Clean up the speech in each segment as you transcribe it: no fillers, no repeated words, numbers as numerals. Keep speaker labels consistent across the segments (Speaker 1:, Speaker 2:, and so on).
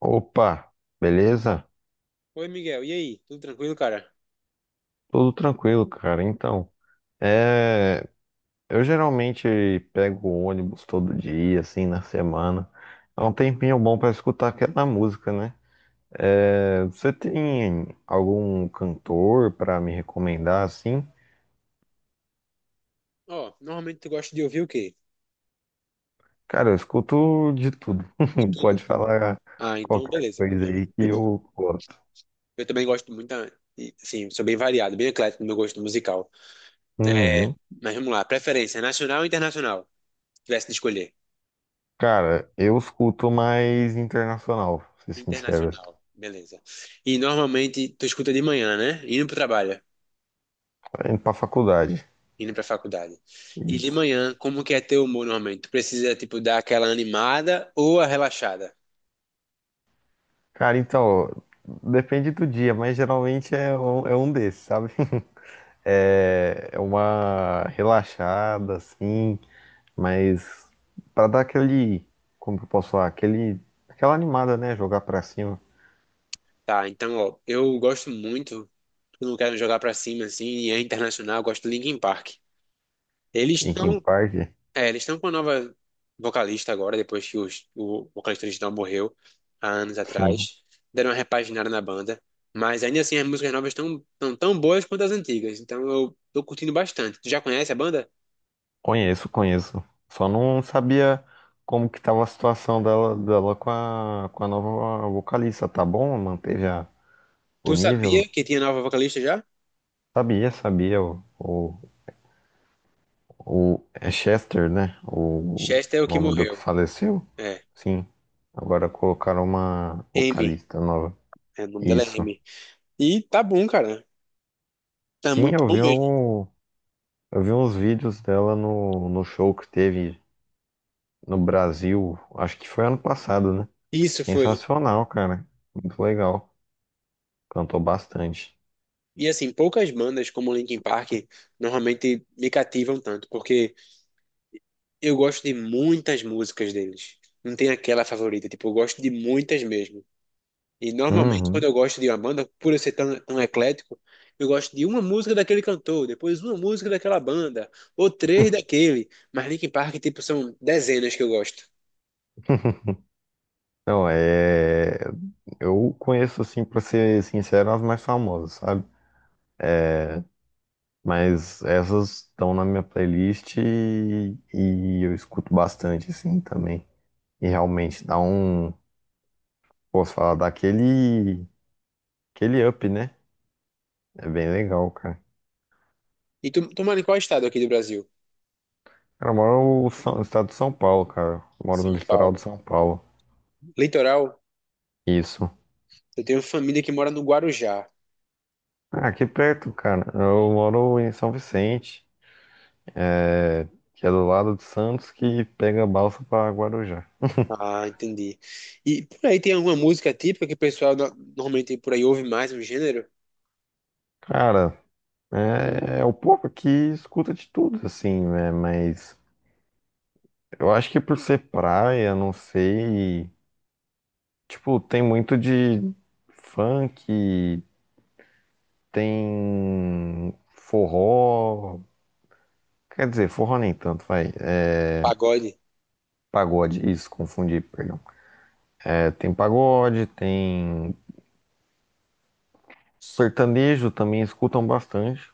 Speaker 1: Opa, beleza?
Speaker 2: Oi, Miguel. E aí? Tudo tranquilo, cara?
Speaker 1: Tudo tranquilo, cara. Então, é, eu geralmente pego o ônibus todo dia, assim, na semana. É um tempinho bom pra escutar aquela música, né? Você tem algum cantor pra me recomendar, assim?
Speaker 2: Ó, normalmente tu gosta de ouvir o quê?
Speaker 1: Cara, eu escuto de tudo.
Speaker 2: De tudo?
Speaker 1: Pode falar
Speaker 2: Ah, então
Speaker 1: qualquer
Speaker 2: beleza.
Speaker 1: coisa aí que eu gosto.
Speaker 2: Eu também gosto muito, e, assim, sou bem variado, bem eclético no meu gosto musical. É,
Speaker 1: Uhum.
Speaker 2: mas vamos lá, preferência nacional ou internacional? Se tivesse de escolher.
Speaker 1: Cara, eu escuto mais internacional, pra ser sincero.
Speaker 2: Internacional, beleza. E normalmente tu escuta de manhã, né? Indo pro trabalho,
Speaker 1: Tô indo pra faculdade.
Speaker 2: indo pra faculdade. E de
Speaker 1: Isso.
Speaker 2: manhã, como que é teu humor normalmente? Tu precisa, tipo, dar aquela animada ou a relaxada?
Speaker 1: Cara, então, depende do dia, mas geralmente é um desses, sabe? É uma relaxada, assim, mas pra dar aquele, como que eu posso falar, aquele, aquela animada, né? Jogar pra cima.
Speaker 2: Tá, então, ó, eu gosto muito. Eu não quero jogar pra cima, assim, e é internacional, eu gosto do Linkin Park. Eles
Speaker 1: Em Kim
Speaker 2: estão,
Speaker 1: Park,
Speaker 2: eles estão com uma nova vocalista agora, depois que o vocalista original morreu há anos
Speaker 1: sim.
Speaker 2: atrás. Deram uma repaginada na banda. Mas ainda assim, as músicas novas estão tão boas quanto as antigas. Então eu tô curtindo bastante. Tu já conhece a banda?
Speaker 1: Conheço, conheço. Só não sabia como que tava a situação dela com a nova vocalista, tá bom? Manteve o
Speaker 2: Tu sabia
Speaker 1: nível?
Speaker 2: que tinha nova vocalista já?
Speaker 1: Sabia, sabia. O, O é Chester, né? O
Speaker 2: Chester é o que
Speaker 1: nome do que
Speaker 2: morreu.
Speaker 1: faleceu?
Speaker 2: É.
Speaker 1: Sim. Agora colocaram uma
Speaker 2: Amy.
Speaker 1: vocalista nova.
Speaker 2: É, o nome dela é
Speaker 1: Isso.
Speaker 2: Amy. E tá bom, cara. Tá
Speaker 1: Sim,
Speaker 2: muito
Speaker 1: eu
Speaker 2: bom
Speaker 1: vi,
Speaker 2: mesmo.
Speaker 1: eu vi uns vídeos dela no show que teve no Brasil. Acho que foi ano passado, né?
Speaker 2: Isso foi.
Speaker 1: Sensacional, cara. Muito legal. Cantou bastante.
Speaker 2: E assim, poucas bandas como Linkin Park normalmente me cativam tanto, porque eu gosto de muitas músicas deles. Não tem aquela favorita, tipo, eu gosto de muitas mesmo. E normalmente quando
Speaker 1: Uhum.
Speaker 2: eu gosto de uma banda, por eu ser tão eclético, eu gosto de uma música daquele cantor, depois uma música daquela banda, ou três daquele. Mas Linkin Park, tipo, são dezenas que eu gosto.
Speaker 1: Não, é. Eu conheço, assim, pra ser sincero, as mais famosas, sabe? Mas essas estão na minha playlist e eu escuto bastante, assim, também. E realmente dá um. Posso falar daquele. Aquele up, né? É bem legal, cara.
Speaker 2: E tu mora em qual estado aqui do Brasil?
Speaker 1: Cara, eu moro no estado de São Paulo, cara. Eu moro no
Speaker 2: São
Speaker 1: litoral de
Speaker 2: Paulo.
Speaker 1: São Paulo.
Speaker 2: Litoral,
Speaker 1: Isso.
Speaker 2: eu tenho família que mora no Guarujá.
Speaker 1: Ah, aqui perto, cara. Eu moro em São Vicente, é, que é do lado de Santos, que pega a balsa pra Guarujá.
Speaker 2: Ah, entendi. E por aí tem alguma música típica que o pessoal normalmente por aí ouve mais um gênero?
Speaker 1: Cara, é o povo que escuta de tudo, assim, né? Mas. Eu acho que por ser praia, não sei. Tipo, tem muito de funk, tem forró. Quer dizer, forró nem tanto, vai. É
Speaker 2: Pagode.
Speaker 1: pagode, isso, confundi, perdão. Tem pagode, tem sertanejo também escutam bastante.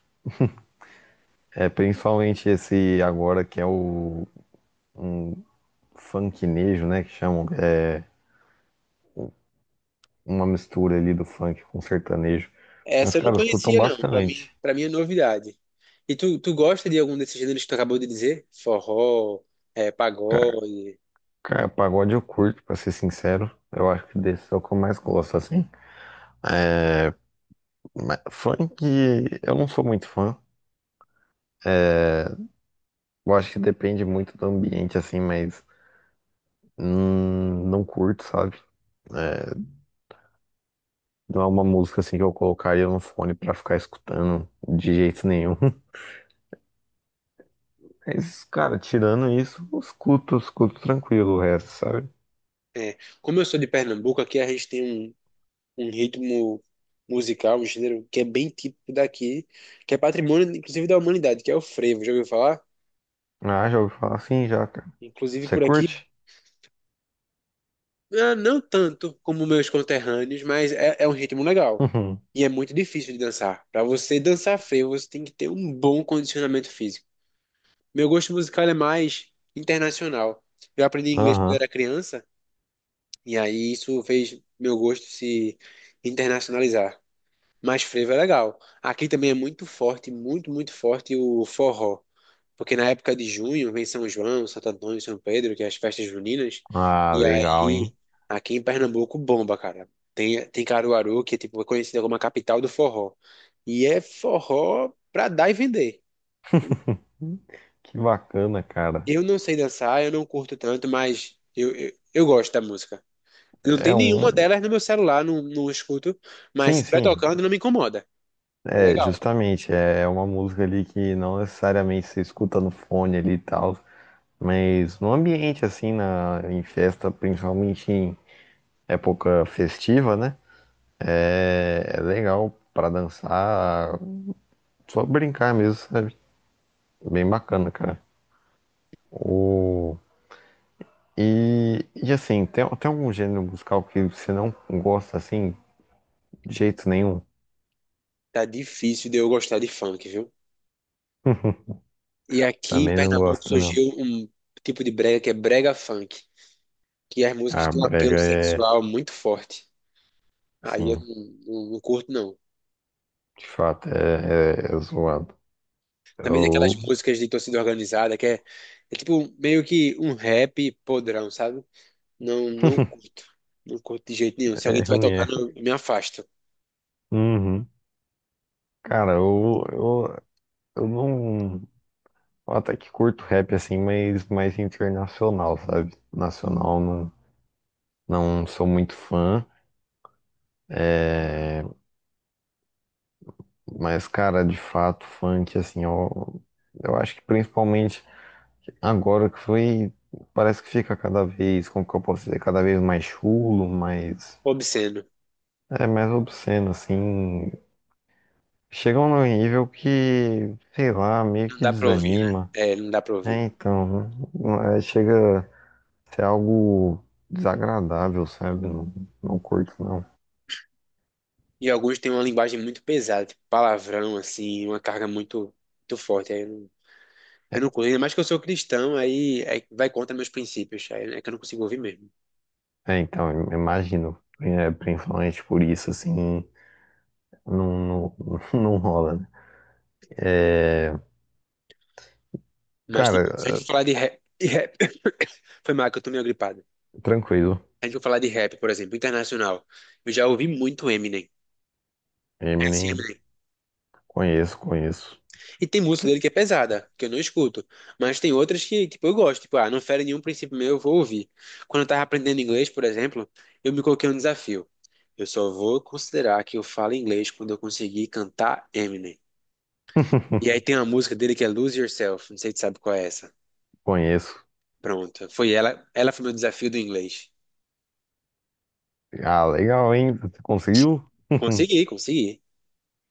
Speaker 1: Principalmente esse agora que é o funknejo, né? Que chamam. É uma mistura ali do funk com sertanejo. Mas,
Speaker 2: Essa eu não
Speaker 1: cara, escutam
Speaker 2: conhecia, não.
Speaker 1: bastante.
Speaker 2: Para mim é novidade. E tu gosta de algum desses gêneros que tu acabou de dizer? Forró, é, pagode.
Speaker 1: Cara, pagode eu curto, pra ser sincero. Eu acho que desse é o que eu mais gosto, assim. Mas funk, eu não sou muito fã. Eu acho que depende muito do ambiente, assim, mas não curto, sabe? É, não é uma música, assim, que eu colocaria no fone pra ficar escutando de jeito nenhum. Mas, cara, tirando isso, eu escuto tranquilo o resto, sabe?
Speaker 2: É. Como eu sou de Pernambuco, aqui a gente tem um ritmo musical, um gênero que é bem típico daqui, que é patrimônio, inclusive, da humanidade, que é o frevo. Já ouviu falar?
Speaker 1: Ah, já ouvi falar assim, já, cara.
Speaker 2: Inclusive
Speaker 1: Você
Speaker 2: por aqui.
Speaker 1: curte?
Speaker 2: Ah, não tanto como meus conterrâneos, mas é um ritmo legal. E é muito difícil de dançar. Pra você dançar frevo, você tem que ter um bom condicionamento físico. Meu gosto musical é mais internacional. Eu aprendi inglês quando eu
Speaker 1: Aham.
Speaker 2: era criança, e aí isso fez meu gosto se internacionalizar. Mas frevo é legal. Aqui também é muito forte, muito forte o forró. Porque na época de junho vem São João, Santo Antônio, São Pedro, que é as festas juninas.
Speaker 1: Ah,
Speaker 2: E
Speaker 1: legal,
Speaker 2: aí,
Speaker 1: hein?
Speaker 2: aqui em Pernambuco, bomba, cara. Tem Caruaru, que é tipo, é conhecida como a capital do forró. E é forró pra dar e vender.
Speaker 1: Que bacana, cara.
Speaker 2: Eu não sei dançar, eu não curto tanto, mas eu gosto da música. Não
Speaker 1: É
Speaker 2: tem nenhuma
Speaker 1: um.
Speaker 2: delas no meu celular, não, não escuto. Mas se
Speaker 1: Sim,
Speaker 2: estiver
Speaker 1: sim,
Speaker 2: tocando, não me incomoda. É
Speaker 1: é
Speaker 2: legal.
Speaker 1: justamente, é uma música ali que não necessariamente se escuta no fone ali e tal, mas no ambiente assim, em festa, principalmente em época festiva, né? É legal pra dançar, só brincar mesmo, sabe? Bem bacana, cara. O, e assim, tem algum gênero musical que você não gosta assim, de jeito nenhum?
Speaker 2: Tá difícil de eu gostar de funk, viu? E aqui em
Speaker 1: Também não
Speaker 2: Pernambuco
Speaker 1: gosta, não.
Speaker 2: surgiu um tipo de brega que é brega funk, que as músicas
Speaker 1: Ah,
Speaker 2: têm um
Speaker 1: brega
Speaker 2: apelo
Speaker 1: é,
Speaker 2: sexual muito forte. Aí eu
Speaker 1: sim.
Speaker 2: não, não curto, não.
Speaker 1: De fato, é zoado.
Speaker 2: Também tem aquelas
Speaker 1: Eu...
Speaker 2: músicas de torcida organizada, é tipo meio que um rap podrão, sabe? Não, não curto. Não curto de jeito nenhum. Se alguém
Speaker 1: É
Speaker 2: estiver
Speaker 1: ruim, é.
Speaker 2: tocando, eu me afasto.
Speaker 1: Uhum. Cara, eu não. eu Até que curto rap assim, mas mais internacional, sabe? Nacional não, não sou muito fã. É, mas, cara, de fato, funk, assim, eu acho que principalmente agora que foi. Parece que fica cada vez, como que eu posso dizer, cada vez mais chulo, mais.
Speaker 2: Obsceno.
Speaker 1: É mais obsceno, assim. Chegam num nível que, sei lá, meio
Speaker 2: Não
Speaker 1: que
Speaker 2: dá pra ouvir, né?
Speaker 1: desanima,
Speaker 2: É, não dá pra
Speaker 1: né?
Speaker 2: ouvir.
Speaker 1: Então, não é- chega a ser algo desagradável, sabe? Não, não curto, não.
Speaker 2: E alguns têm uma linguagem muito pesada, tipo palavrão, assim, uma carga muito forte. Aí
Speaker 1: É,
Speaker 2: eu não curto. Ainda mais que eu sou cristão, aí vai contra meus princípios. Aí é que eu não consigo ouvir mesmo.
Speaker 1: então, imagino, principalmente por isso, assim, não, não, não rola, né? É,
Speaker 2: Mas, tipo, se a gente
Speaker 1: cara,
Speaker 2: for falar de rap... Foi mal que eu tô meio gripado. Se
Speaker 1: tranquilo.
Speaker 2: a gente for falar de rap, por exemplo, internacional, eu já ouvi muito Eminem. É assim,
Speaker 1: Eminem,
Speaker 2: Eminem.
Speaker 1: conheço, conheço.
Speaker 2: E tem música dele que é pesada, que eu não escuto. Mas tem outras que, tipo, eu gosto. Tipo, ah, não fere nenhum princípio meu, eu vou ouvir. Quando eu tava aprendendo inglês, por exemplo, eu me coloquei um desafio. Eu só vou considerar que eu falo inglês quando eu conseguir cantar Eminem. E aí tem uma música dele que é Lose Yourself. Não sei se tu sabe qual é essa.
Speaker 1: Conheço.
Speaker 2: Pronto. Foi ela. Ela foi meu desafio do inglês.
Speaker 1: Ah, legal, hein? Você conseguiu?
Speaker 2: Consegui, consegui.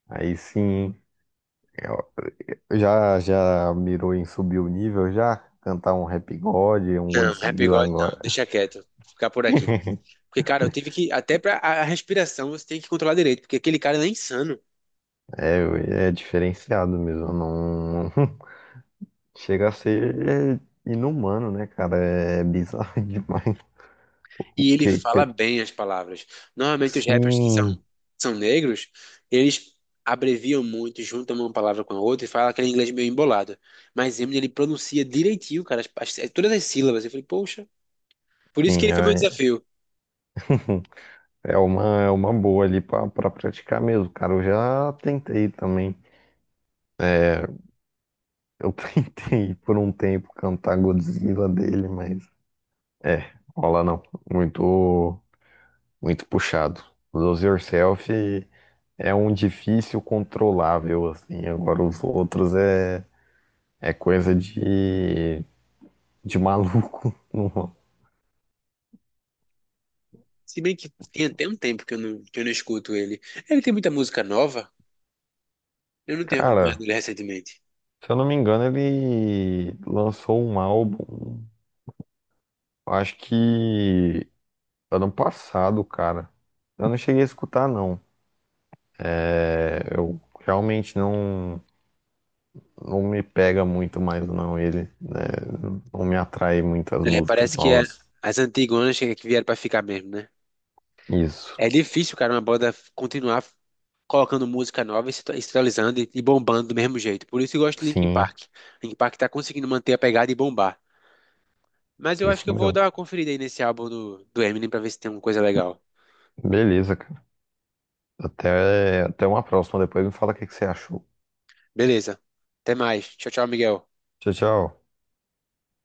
Speaker 1: Aí sim. Eu- já mirou em subir o nível já? Cantar um Rap God, um
Speaker 2: Não, Happy
Speaker 1: Godzilla
Speaker 2: God não,
Speaker 1: agora.
Speaker 2: deixa quieto, ficar por aqui. Porque, cara, eu tive que, até pra a respiração você tem que controlar direito, porque aquele cara ele é insano
Speaker 1: É diferenciado mesmo. Não. Chega a ser inumano, né, cara? É bizarro demais.
Speaker 2: e ele
Speaker 1: Porque,
Speaker 2: fala
Speaker 1: que-
Speaker 2: bem as palavras. Normalmente os rappers
Speaker 1: sim,
Speaker 2: são negros, eles abreviam muito, juntam uma palavra com a outra e falam aquele inglês meio embolado. Mas Eminem, ele pronuncia direitinho, cara, todas as sílabas. Eu falei, poxa, por isso que
Speaker 1: sim,
Speaker 2: ele foi meu desafio.
Speaker 1: é uma boa ali pra praticar mesmo, cara. Eu já tentei também. Eu tentei por um tempo cantar Godzilla dele, mas é, rola não. Muito, muito puxado. Lose Yourself é um difícil controlável, assim. Agora os outros é coisa de maluco. Não.
Speaker 2: Se bem que tem até um tempo que eu não escuto ele. Ele tem muita música nova, eu não tenho acompanhado
Speaker 1: Cara,
Speaker 2: ele recentemente.
Speaker 1: se eu não me engano, ele lançou um álbum, acho que ano passado, cara. Eu não cheguei a escutar, não. Eu realmente não me pega muito mais, não, ele, né? Não me atrai muito as
Speaker 2: É,
Speaker 1: músicas
Speaker 2: parece que é-
Speaker 1: novas.
Speaker 2: as antigonas que vieram pra ficar mesmo, né?
Speaker 1: Isso,
Speaker 2: É difícil, cara, uma banda continuar colocando música nova e se e se atualizando e bombando do mesmo jeito. Por isso eu gosto de Linkin
Speaker 1: sim,
Speaker 2: Park. Linkin Park tá conseguindo manter a pegada e bombar. Mas eu acho que
Speaker 1: isso
Speaker 2: eu vou
Speaker 1: mesmo.
Speaker 2: dar uma conferida aí nesse álbum do Eminem pra ver se tem alguma coisa legal.
Speaker 1: Beleza, cara. Até uma próxima. Depois me fala o que que você achou.
Speaker 2: Beleza. Até mais. Tchau, tchau, Miguel.
Speaker 1: Tchau, tchau.